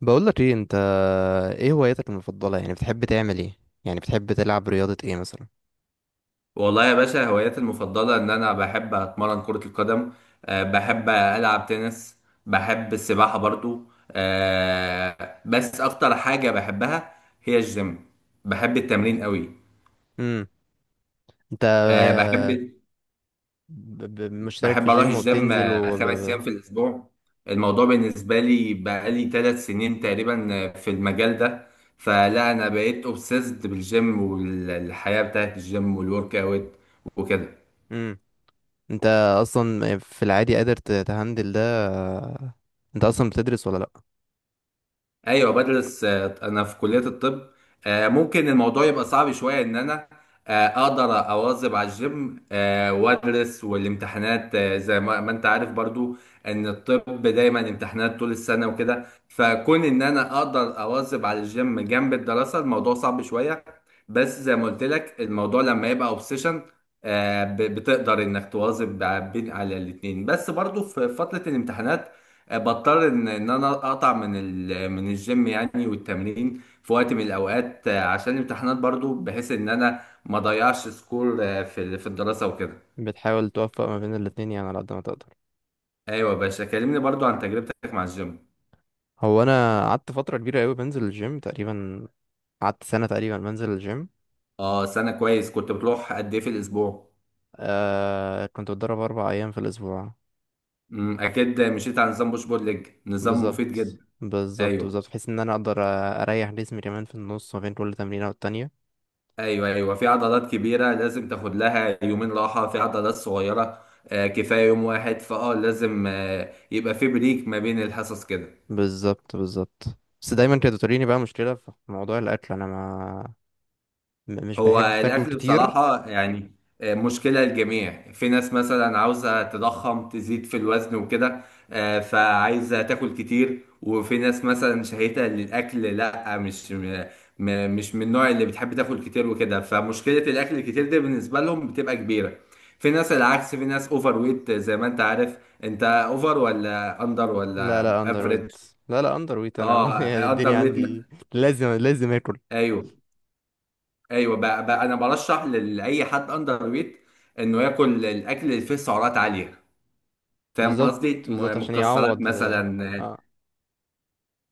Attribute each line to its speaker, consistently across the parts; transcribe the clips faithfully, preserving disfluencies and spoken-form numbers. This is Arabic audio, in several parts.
Speaker 1: بقول لك ايه انت، ايه هواياتك المفضله؟ يعني بتحب تعمل ايه؟ يعني بتحب تلعب رياضه ايه مثلا؟
Speaker 2: والله يا باشا هواياتي المفضلة إن أنا بحب أتمرن كرة القدم. أه بحب ألعب تنس. بحب السباحة برضو. أه بس أكتر حاجة بحبها هي الجيم. بحب التمرين قوي.
Speaker 1: امم انت
Speaker 2: أه بحب
Speaker 1: ب- ب- مشترك في
Speaker 2: بحب أروح
Speaker 1: جيم
Speaker 2: الجيم
Speaker 1: وبتنزل
Speaker 2: آه،
Speaker 1: و؟
Speaker 2: خمس أيام في الأسبوع. الموضوع بالنسبة لي بقالي ثلاث سنين تقريبا آه، في المجال ده. فلا أنا بقيت أوبسيسد بالجيم والحياة بتاعت الجيم والورك أوت وكده.
Speaker 1: امم انت اصلا في العادي قادر ت- تهندل ده؟ انت اصلا بتدرس ولا لا؟
Speaker 2: ايوه بدرس. آه، انا في كليه الطب. آه، ممكن الموضوع يبقى صعب شويه ان انا آه، اقدر اواظب على الجيم آه، وادرس والامتحانات آه، زي ما ما انت عارف برضو ان الطب دايما امتحانات طول السنه وكده. فكون ان انا اقدر اواظب على الجيم جنب الدراسه الموضوع صعب شويه. بس زي ما قلت لك الموضوع لما يبقى اوبسيشن بتقدر انك تواظب ب- بين على الاتنين. بس برضو في فتره الامتحانات آه، بضطر ان ان انا اقطع من ال... من الجيم يعني والتمرين في وقت من الاوقات آه، عشان الامتحانات برضو بحيث ان انا ما اضيعش سكور آه، في ال- في الدراسة وكده.
Speaker 1: بتحاول توفق ما بين الاتنين يعني على قد ما تقدر؟
Speaker 2: ايوه يا باشا كلمني برضو عن تجربتك مع الجيم.
Speaker 1: هو انا قعدت فتره كبيره قوي بنزل الجيم تقريبا، قعدت سنه تقريبا بنزل الجيم.
Speaker 2: اه سنة كويس. كنت بتروح قد ايه في الاسبوع؟
Speaker 1: آه كنت بتدرب اربع ايام في الاسبوع.
Speaker 2: امم، اكيد مشيت على نظام بوش بول ليج، نظام مفيد
Speaker 1: بالظبط
Speaker 2: جدا.
Speaker 1: بالظبط
Speaker 2: ايوه.
Speaker 1: بالظبط، بحيث ان انا اقدر اريح جسمي كمان في النص ما بين كل تمرينه والتانية.
Speaker 2: ايوه. ايوه، في عضلات كبيرة لازم تاخد لها يومين راحة، في عضلات صغيرة آه، كفاية يوم واحد. فاه لازم آه، يبقى في بريك ما بين الحصص كده.
Speaker 1: بالظبط بالظبط. بس دايما كانت بتواجهني بقى مشكله في موضوع الاكل، انا ما م- مش
Speaker 2: هو
Speaker 1: بحب باكل
Speaker 2: الأكل
Speaker 1: كتير.
Speaker 2: بصراحة يعني آه، مشكلة للجميع. في ناس مثلا عاوزة تضخم تزيد في الوزن وكده آه، فعايزة تاكل كتير، وفي ناس مثلا شهيتة للأكل لا. مش م- م- مش من النوع اللي بتحب تاكل كتير وكده، فمشكلة الأكل الكتير دي بالنسبة لهم بتبقى كبيرة. في ناس العكس، في ناس أوفر ويت زي ما أنت عارف. أنت أوفر ولا أندر
Speaker 1: لا
Speaker 2: ولا
Speaker 1: لا اندر
Speaker 2: أفريج؟
Speaker 1: ويت. لا لا اندر ويت انا يعني
Speaker 2: اه، أندر
Speaker 1: الدنيا
Speaker 2: ويت.
Speaker 1: عندي لازم لازم اكل.
Speaker 2: أيوه. ايوه بقى, بقى انا برشح لاي حد اندر ويت انه ياكل الاكل اللي فيه سعرات عاليه. فاهم
Speaker 1: بالظبط
Speaker 2: قصدي؟
Speaker 1: بالظبط
Speaker 2: م-
Speaker 1: عشان
Speaker 2: مكسرات
Speaker 1: يعوض.
Speaker 2: مثلا،
Speaker 1: اه.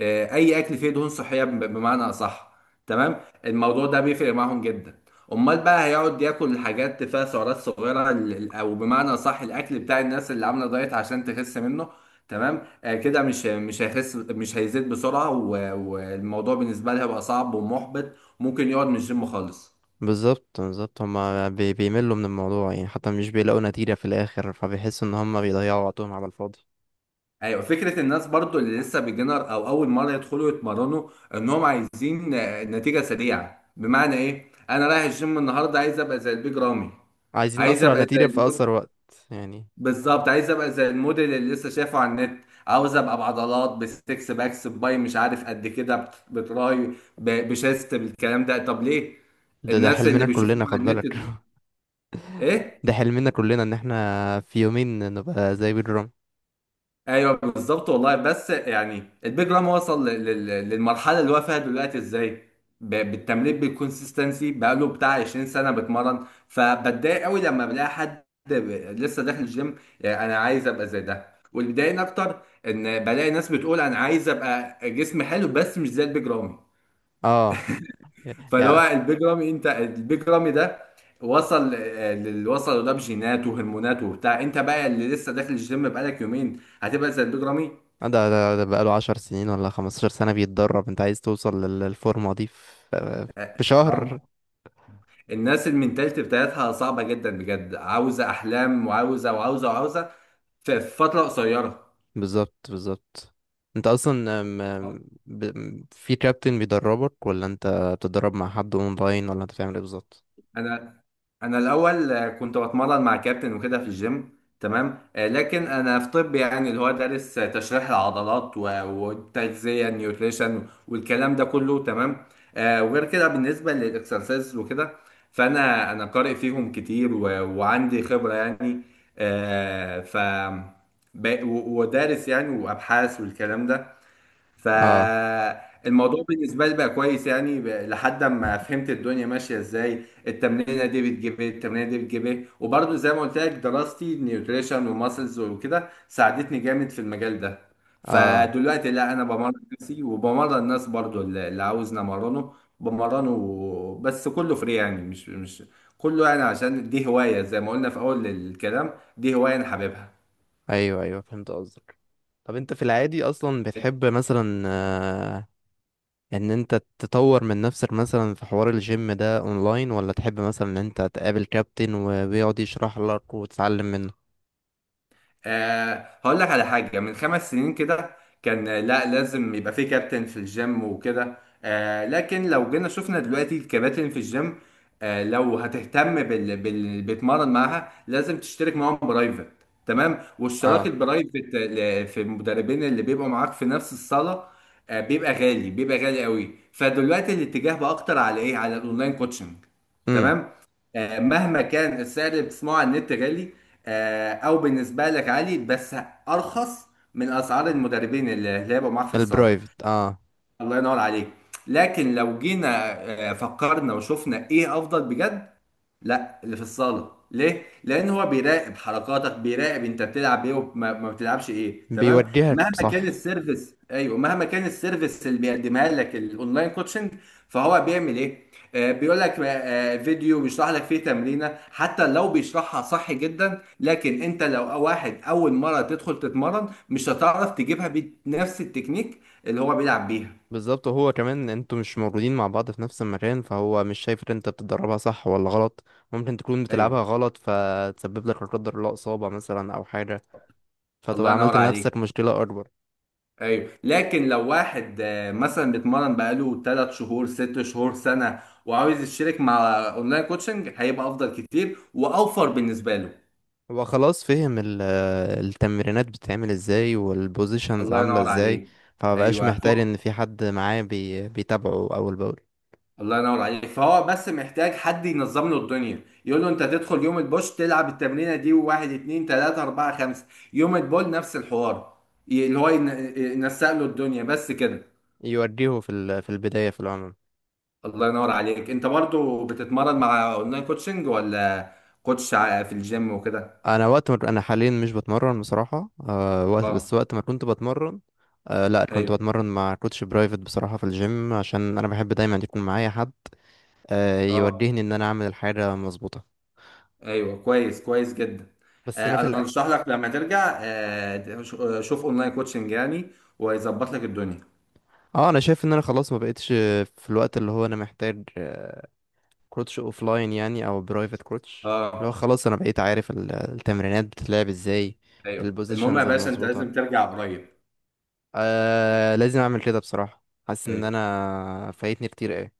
Speaker 2: آه، اي اكل فيه دهون صحيه ب- بمعنى اصح. تمام، الموضوع ده بيفرق معاهم جدا. امال بقى هيقعد ياكل حاجات فيها سعرات صغيره ال- ال- او بمعنى اصح الاكل بتاع الناس اللي عامله دايت عشان تخس منه. تمام، آه، كده مش مش هيخس، مش هيزيد بسرعه. و- والموضوع بالنسبه لها بقى صعب ومحبط، ممكن يقعد من الجيم خالص.
Speaker 1: بالظبط بالظبط هما بي- بيملوا من الموضوع يعني، حتى مش بيلاقوا نتيجه في الاخر، فبيحسوا ان هما بيضيعوا وقتهم على الفاضي.
Speaker 2: ايوه، فكره الناس برضو اللي لسه بيجنر او اول مره يدخلوا يتمرنوا انهم عايزين آه، نتيجه سريعه. بمعنى ايه؟ انا رايح الجيم النهارده عايز ابقى زي البيج رامي.
Speaker 1: عايزين
Speaker 2: عايز
Speaker 1: اسرع
Speaker 2: ابقى زي
Speaker 1: نتيجه في
Speaker 2: المود،
Speaker 1: اسرع وقت يعني.
Speaker 2: بالظبط، عايز ابقى زي الموديل اللي لسه شايفه على النت، عاوز ابقى بعضلات بستكس باكس باي مش عارف قد كده بت- بتراي ب- بشيست بالكلام ده. طب ليه؟
Speaker 1: ده ده
Speaker 2: الناس اللي
Speaker 1: حلمنا
Speaker 2: بيشوفوهم
Speaker 1: كلنا، خد
Speaker 2: على النت
Speaker 1: بالك.
Speaker 2: دول ايه؟
Speaker 1: ده حلمنا كلنا ان احنا في يومين نبقى زي بيدر رامي.
Speaker 2: ايوه بالظبط. والله بس يعني البيج رام وصل لل- لل- للمرحله اللي هو فيها دلوقتي ازاي؟ ب- بالتمرين بالكونسيستنسي، بقاله بتاع عشرين سنة سنه بتمرن. فبتضايق قوي لما بلاقي حد ب- لسه داخل الجيم يعني انا عايز ابقى زي ده. واللي بيضايقني اكتر ان بلاقي ناس بتقول انا عايز ابقى جسم حلو بس مش زي البيج رامي.
Speaker 1: اه. يا
Speaker 2: فاللي هو
Speaker 1: يا-
Speaker 2: البيج رامي، انت البيج رامي ده وصل آه، للي وصل ده بجينات وهرمونات وبتاع. انت بقى اللي لسه داخل الجيم بقالك يومين هتبقى زي البيج رامي؟
Speaker 1: ده ده, ده بقاله عشر سنين ولا خمستاشر سنة بيتدرب، انت عايز توصل لل- للفورمة دي في
Speaker 2: اه.
Speaker 1: في
Speaker 2: آه.
Speaker 1: شهر؟
Speaker 2: الناس المنتاليتي بتاعتها صعبة جدا بجد، عاوزة أحلام وعاوزة وعاوزة وعاوزة في في فترة قصيرة.
Speaker 1: بالظبط بالظبط. انت اصلا ام- ام- ب- ام- في كابتن بيدربك، ولا انت بتتدرب مع حد اونلاين، ولا انت بتعمل ايه بالظبط؟
Speaker 2: انا انا الاول آه، كنت بتمرن مع كابتن وكده في الجيم تمام. آه، لكن انا في طب يعني اللي هو دارس آه، تشريح العضلات و- والتغذيه، النيوتريشن والكلام ده كله تمام. آه، وغير كده بالنسبه للاكسرسايز وكده، فانا انا قارئ فيهم كتير و- وعندي خبره يعني. آه، ف ب- و- ودارس يعني وابحاث والكلام ده.
Speaker 1: اه
Speaker 2: فالموضوع بالنسبة لي بقى كويس يعني ب- لحد ما فهمت الدنيا ماشية ازاي، التمرينة دي بتجيب ايه، التمرينة دي بتجيب ايه. وبرضه زي ما قلت لك دراستي نيوتريشن وماسلز وكده ساعدتني جامد في المجال ده.
Speaker 1: اه.
Speaker 2: فدلوقتي لا، انا بمرن نفسي وبمرن الناس برضه اللي اللي عاوزني امرنه بمرنه، بس كله فري يعني. مش مش كله يعني عشان دي هواية زي ما قلنا في اول الكلام، دي هواية انا حاببها.
Speaker 1: ايوه ايوه، فهمت قصدك. طب انت في العادي اصلا بتحب مثلا، آه، ان انت تطور من نفسك مثلا في حوار الجيم ده اونلاين، ولا تحب مثلا ان انت تقابل كابتن وبيقعد يشرح لك وتتعلم منه؟
Speaker 2: أه هقول لك على حاجة. من خمس سنين كده كان آه، لا لازم يبقى في كابتن في الجيم وكده. أه لكن لو جينا شفنا دلوقتي الكباتن في الجيم، أه لو هتهتم بال... بال... بتمرن معاها لازم تشترك معاهم برايفت. تمام، واشتراك
Speaker 1: اه.
Speaker 2: البرايفت ل- في المدربين اللي بيبقوا معاك في نفس الصالة أه بيبقى غالي، بيبقى غالي قوي. فدلوقتي الاتجاه بقى اكتر على ايه؟ على الاونلاين كوتشنج.
Speaker 1: امم.
Speaker 2: تمام. آه، مهما كان السعر اللي بتسمعه على النت غالي آه، او بالنسبه لك عالي، بس ارخص من اسعار المدربين اللي اللي هيبقوا معاك في الصاله.
Speaker 1: البرايفت، اه.
Speaker 2: الله ينور عليك. لكن لو جينا آه، فكرنا وشفنا ايه افضل بجد؟ لا، اللي في الصاله. ليه؟ لان هو بيراقب حركاتك، بيراقب انت بتلعب ايه وما ما بتلعبش ايه. تمام،
Speaker 1: بيوجهك
Speaker 2: مهما كان
Speaker 1: صح.
Speaker 2: السيرفيس. ايوه، مهما كان السيرفيس اللي بيقدمها لك الاونلاين كوتشنج، فهو بيعمل ايه؟ آه بيقول لك آه آه، فيديو بيشرح لك فيه تمرينه. حتى لو بيشرحها صح جدا، لكن انت لو واحد اول مره تدخل تتمرن مش هتعرف تجيبها بنفس التكنيك اللي هو بيلعب بيها.
Speaker 1: بالظبط، وهو كمان انتوا مش موجودين مع بعض في نفس المكان، فهو مش شايف ان انت بتدربها صح ولا غلط. ممكن تكون بتلعبها
Speaker 2: ايوه.
Speaker 1: غلط، فتسبب لك لا قدر الله اصابة مثلا او حاجة،
Speaker 2: الله
Speaker 1: فتبقى
Speaker 2: ينور
Speaker 1: عملت
Speaker 2: عليك.
Speaker 1: لنفسك مشكلة اكبر.
Speaker 2: ايوه، لكن لو واحد آه، مثلا بيتمرن بقاله 3 شهور، 6 شهور، سنه، وعاوز يشترك مع اونلاين كوتشنج هيبقى افضل كتير واوفر بالنسبه له.
Speaker 1: هو خلاص فهم ال- آه، التمرينات بتتعمل ازاي والبوزيشنز
Speaker 2: الله
Speaker 1: عاملة
Speaker 2: ينور
Speaker 1: ازاي،
Speaker 2: عليك.
Speaker 1: فمبقاش
Speaker 2: ايوه ف...
Speaker 1: محتاج ان في حد معاه بي بيتابعه اول باول،
Speaker 2: الله ينور عليك. فهو بس محتاج حد ينظم له الدنيا، يقول له انت تدخل يوم البوش تلعب التمرينه دي، وواحد اتنين تلاته اربعه خمسه. يوم البول نفس الحوار. ي- اللي هو ينسق له الدنيا بس كده.
Speaker 1: يوديه في ال- في البداية في العموم.
Speaker 2: الله ينور عليك. انت برضو بتتمرن مع اونلاين كوتشنج ولا كوتش ع- في الجيم وكده؟
Speaker 1: انا وقت ما انا حاليا مش بتمرن بصراحة. أه وقت- بس
Speaker 2: اه.
Speaker 1: وقت ما كنت بتمرن، أه لا كنت
Speaker 2: ايوه.
Speaker 1: بتمرن مع كوتش برايفت بصراحة في الجيم، عشان انا بحب دايما يكون معايا حد، أه
Speaker 2: اه.
Speaker 1: يوجهني ان انا اعمل الحاجة مظبوطة.
Speaker 2: ايوه كويس، كويس جدا.
Speaker 1: بس انا
Speaker 2: آه
Speaker 1: في
Speaker 2: انا
Speaker 1: الأ...
Speaker 2: ارشح لك لما ترجع آه ش- آه، شوف اونلاين كوتشنج يعني ويظبط لك الدنيا.
Speaker 1: اه انا شايف ان انا خلاص ما بقتش في الوقت اللي هو انا محتاج آه، كروتش اوف لاين يعني، او برايفت كروتش، اللي هو
Speaker 2: اه.
Speaker 1: خلاص انا بقيت عارف ال- التمرينات بتتلعب ازاي،
Speaker 2: ايوه، المهم يا
Speaker 1: البوزيشنز
Speaker 2: باشا انت لازم
Speaker 1: المظبوطه.
Speaker 2: ترجع قريب.
Speaker 1: آه لازم اعمل كده بصراحه، حاسس ان
Speaker 2: ايوه.
Speaker 1: انا فايتني كتير ايه.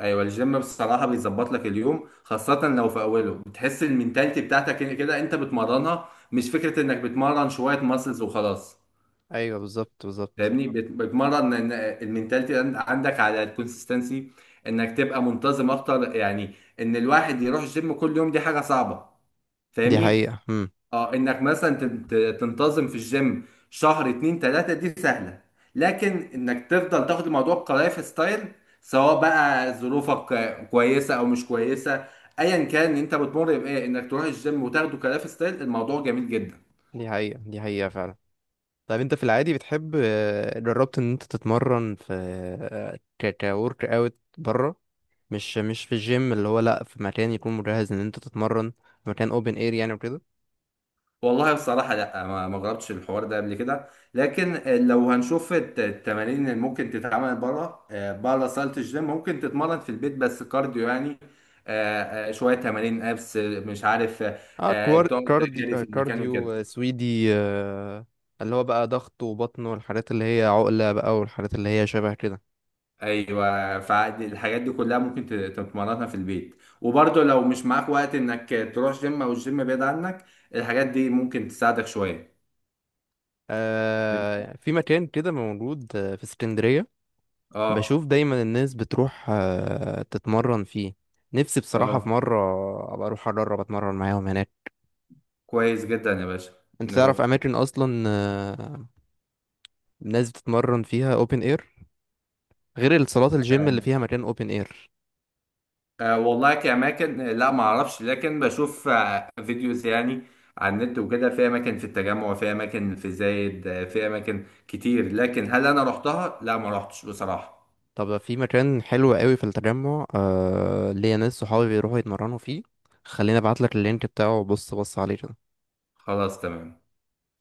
Speaker 2: ايوه، الجيم بصراحه بيظبط لك اليوم، خاصه لو في اوله بتحس المينتاليتي بتاعتك كده انت بتمرنها، مش فكره انك بتمرن شويه ماسلز وخلاص.
Speaker 1: ايوه بالظبط بالظبط،
Speaker 2: فاهمني؟ بت- بتمرن إن- المينتاليتي عند- عندك على الكونسستنسي، انك تبقى منتظم اكتر يعني. ان الواحد يروح الجيم كل يوم دي حاجه صعبه،
Speaker 1: دي
Speaker 2: فاهمني؟
Speaker 1: حقيقه امم
Speaker 2: اه، انك مثلا تن- ت- تنتظم في الجيم شهر، اتنين، تلاته، دي سهله. لكن انك تفضل تاخد الموضوع كلايف ستايل، سواء بقى ظروفك آه، كويسه او مش كويسه. ايا كان انت بتمر بايه، انك تروح الجيم وتاخده كلايف ستايل الموضوع جميل جدا.
Speaker 1: دي حقيقه دي حقيقه فعلا. طب انت في العادي بتحب، آه، جربت ان انت تتمرن في، آه، ك كورك اوت بره، مش مش في الجيم اللي هو، لا في مكان يكون مجهز ان انت تتمرن في مكان اوبن اير يعني وكده؟
Speaker 2: والله بصراحة لا، ما ما جربتش الحوار ده قبل كده. لكن لو هنشوف الت- التمارين اللي ممكن تتعمل بره، بره صالة الجيم، ممكن تتمرن في البيت بس كارديو يعني آه، آه، شوية تمارين ابس، مش عارف آه،
Speaker 1: اه.
Speaker 2: آه،
Speaker 1: كوار...
Speaker 2: تقعد
Speaker 1: كاردي...
Speaker 2: تجري
Speaker 1: آه،
Speaker 2: في المكان
Speaker 1: كارديو،
Speaker 2: وكده.
Speaker 1: آه، سويدي، آه، اللي هو بقى ضغط وبطن والحاجات اللي هي عقلة بقى والحاجات اللي هي شبه كده.
Speaker 2: ايوه، فالحاجات دي كلها ممكن ت- تتمرنها في البيت. وبرضه لو مش معاك وقت انك تروح جيم او الجيم بعيد عنك، الحاجات دي ممكن تساعدك شوية.
Speaker 1: آه، في مكان كده موجود، آه، في اسكندرية،
Speaker 2: اه.
Speaker 1: بشوف دايما الناس بتروح آه، تتمرن فيه، نفسي بصراحة في
Speaker 2: اه،
Speaker 1: مرة أبقى أروح أجرب أتمرن معاهم هناك.
Speaker 2: كويس جدا يا باشا.
Speaker 1: أنت تعرف
Speaker 2: نروح.
Speaker 1: أماكن أصلا، آه، الناس بتتمرن فيها أوبن إير، غير الصالات الجيم اللي فيها مكان أوبن إير؟
Speaker 2: أه والله كأماكن لا ما أعرفش، لكن بشوف آه، فيديوز يعني على النت وكده، في أماكن في التجمع، في أماكن في زايد، آه، في أماكن كتير، لكن هل أنا رحتها؟ لا ما رحتش بصراحة.
Speaker 1: طب في مكان حلو قوي في التجمع، آه ليا ناس صحابي بيروحوا يتمرنوا فيه، خليني ابعتلك اللينك بتاعه وبص بص عليه كده.
Speaker 2: خلاص تمام.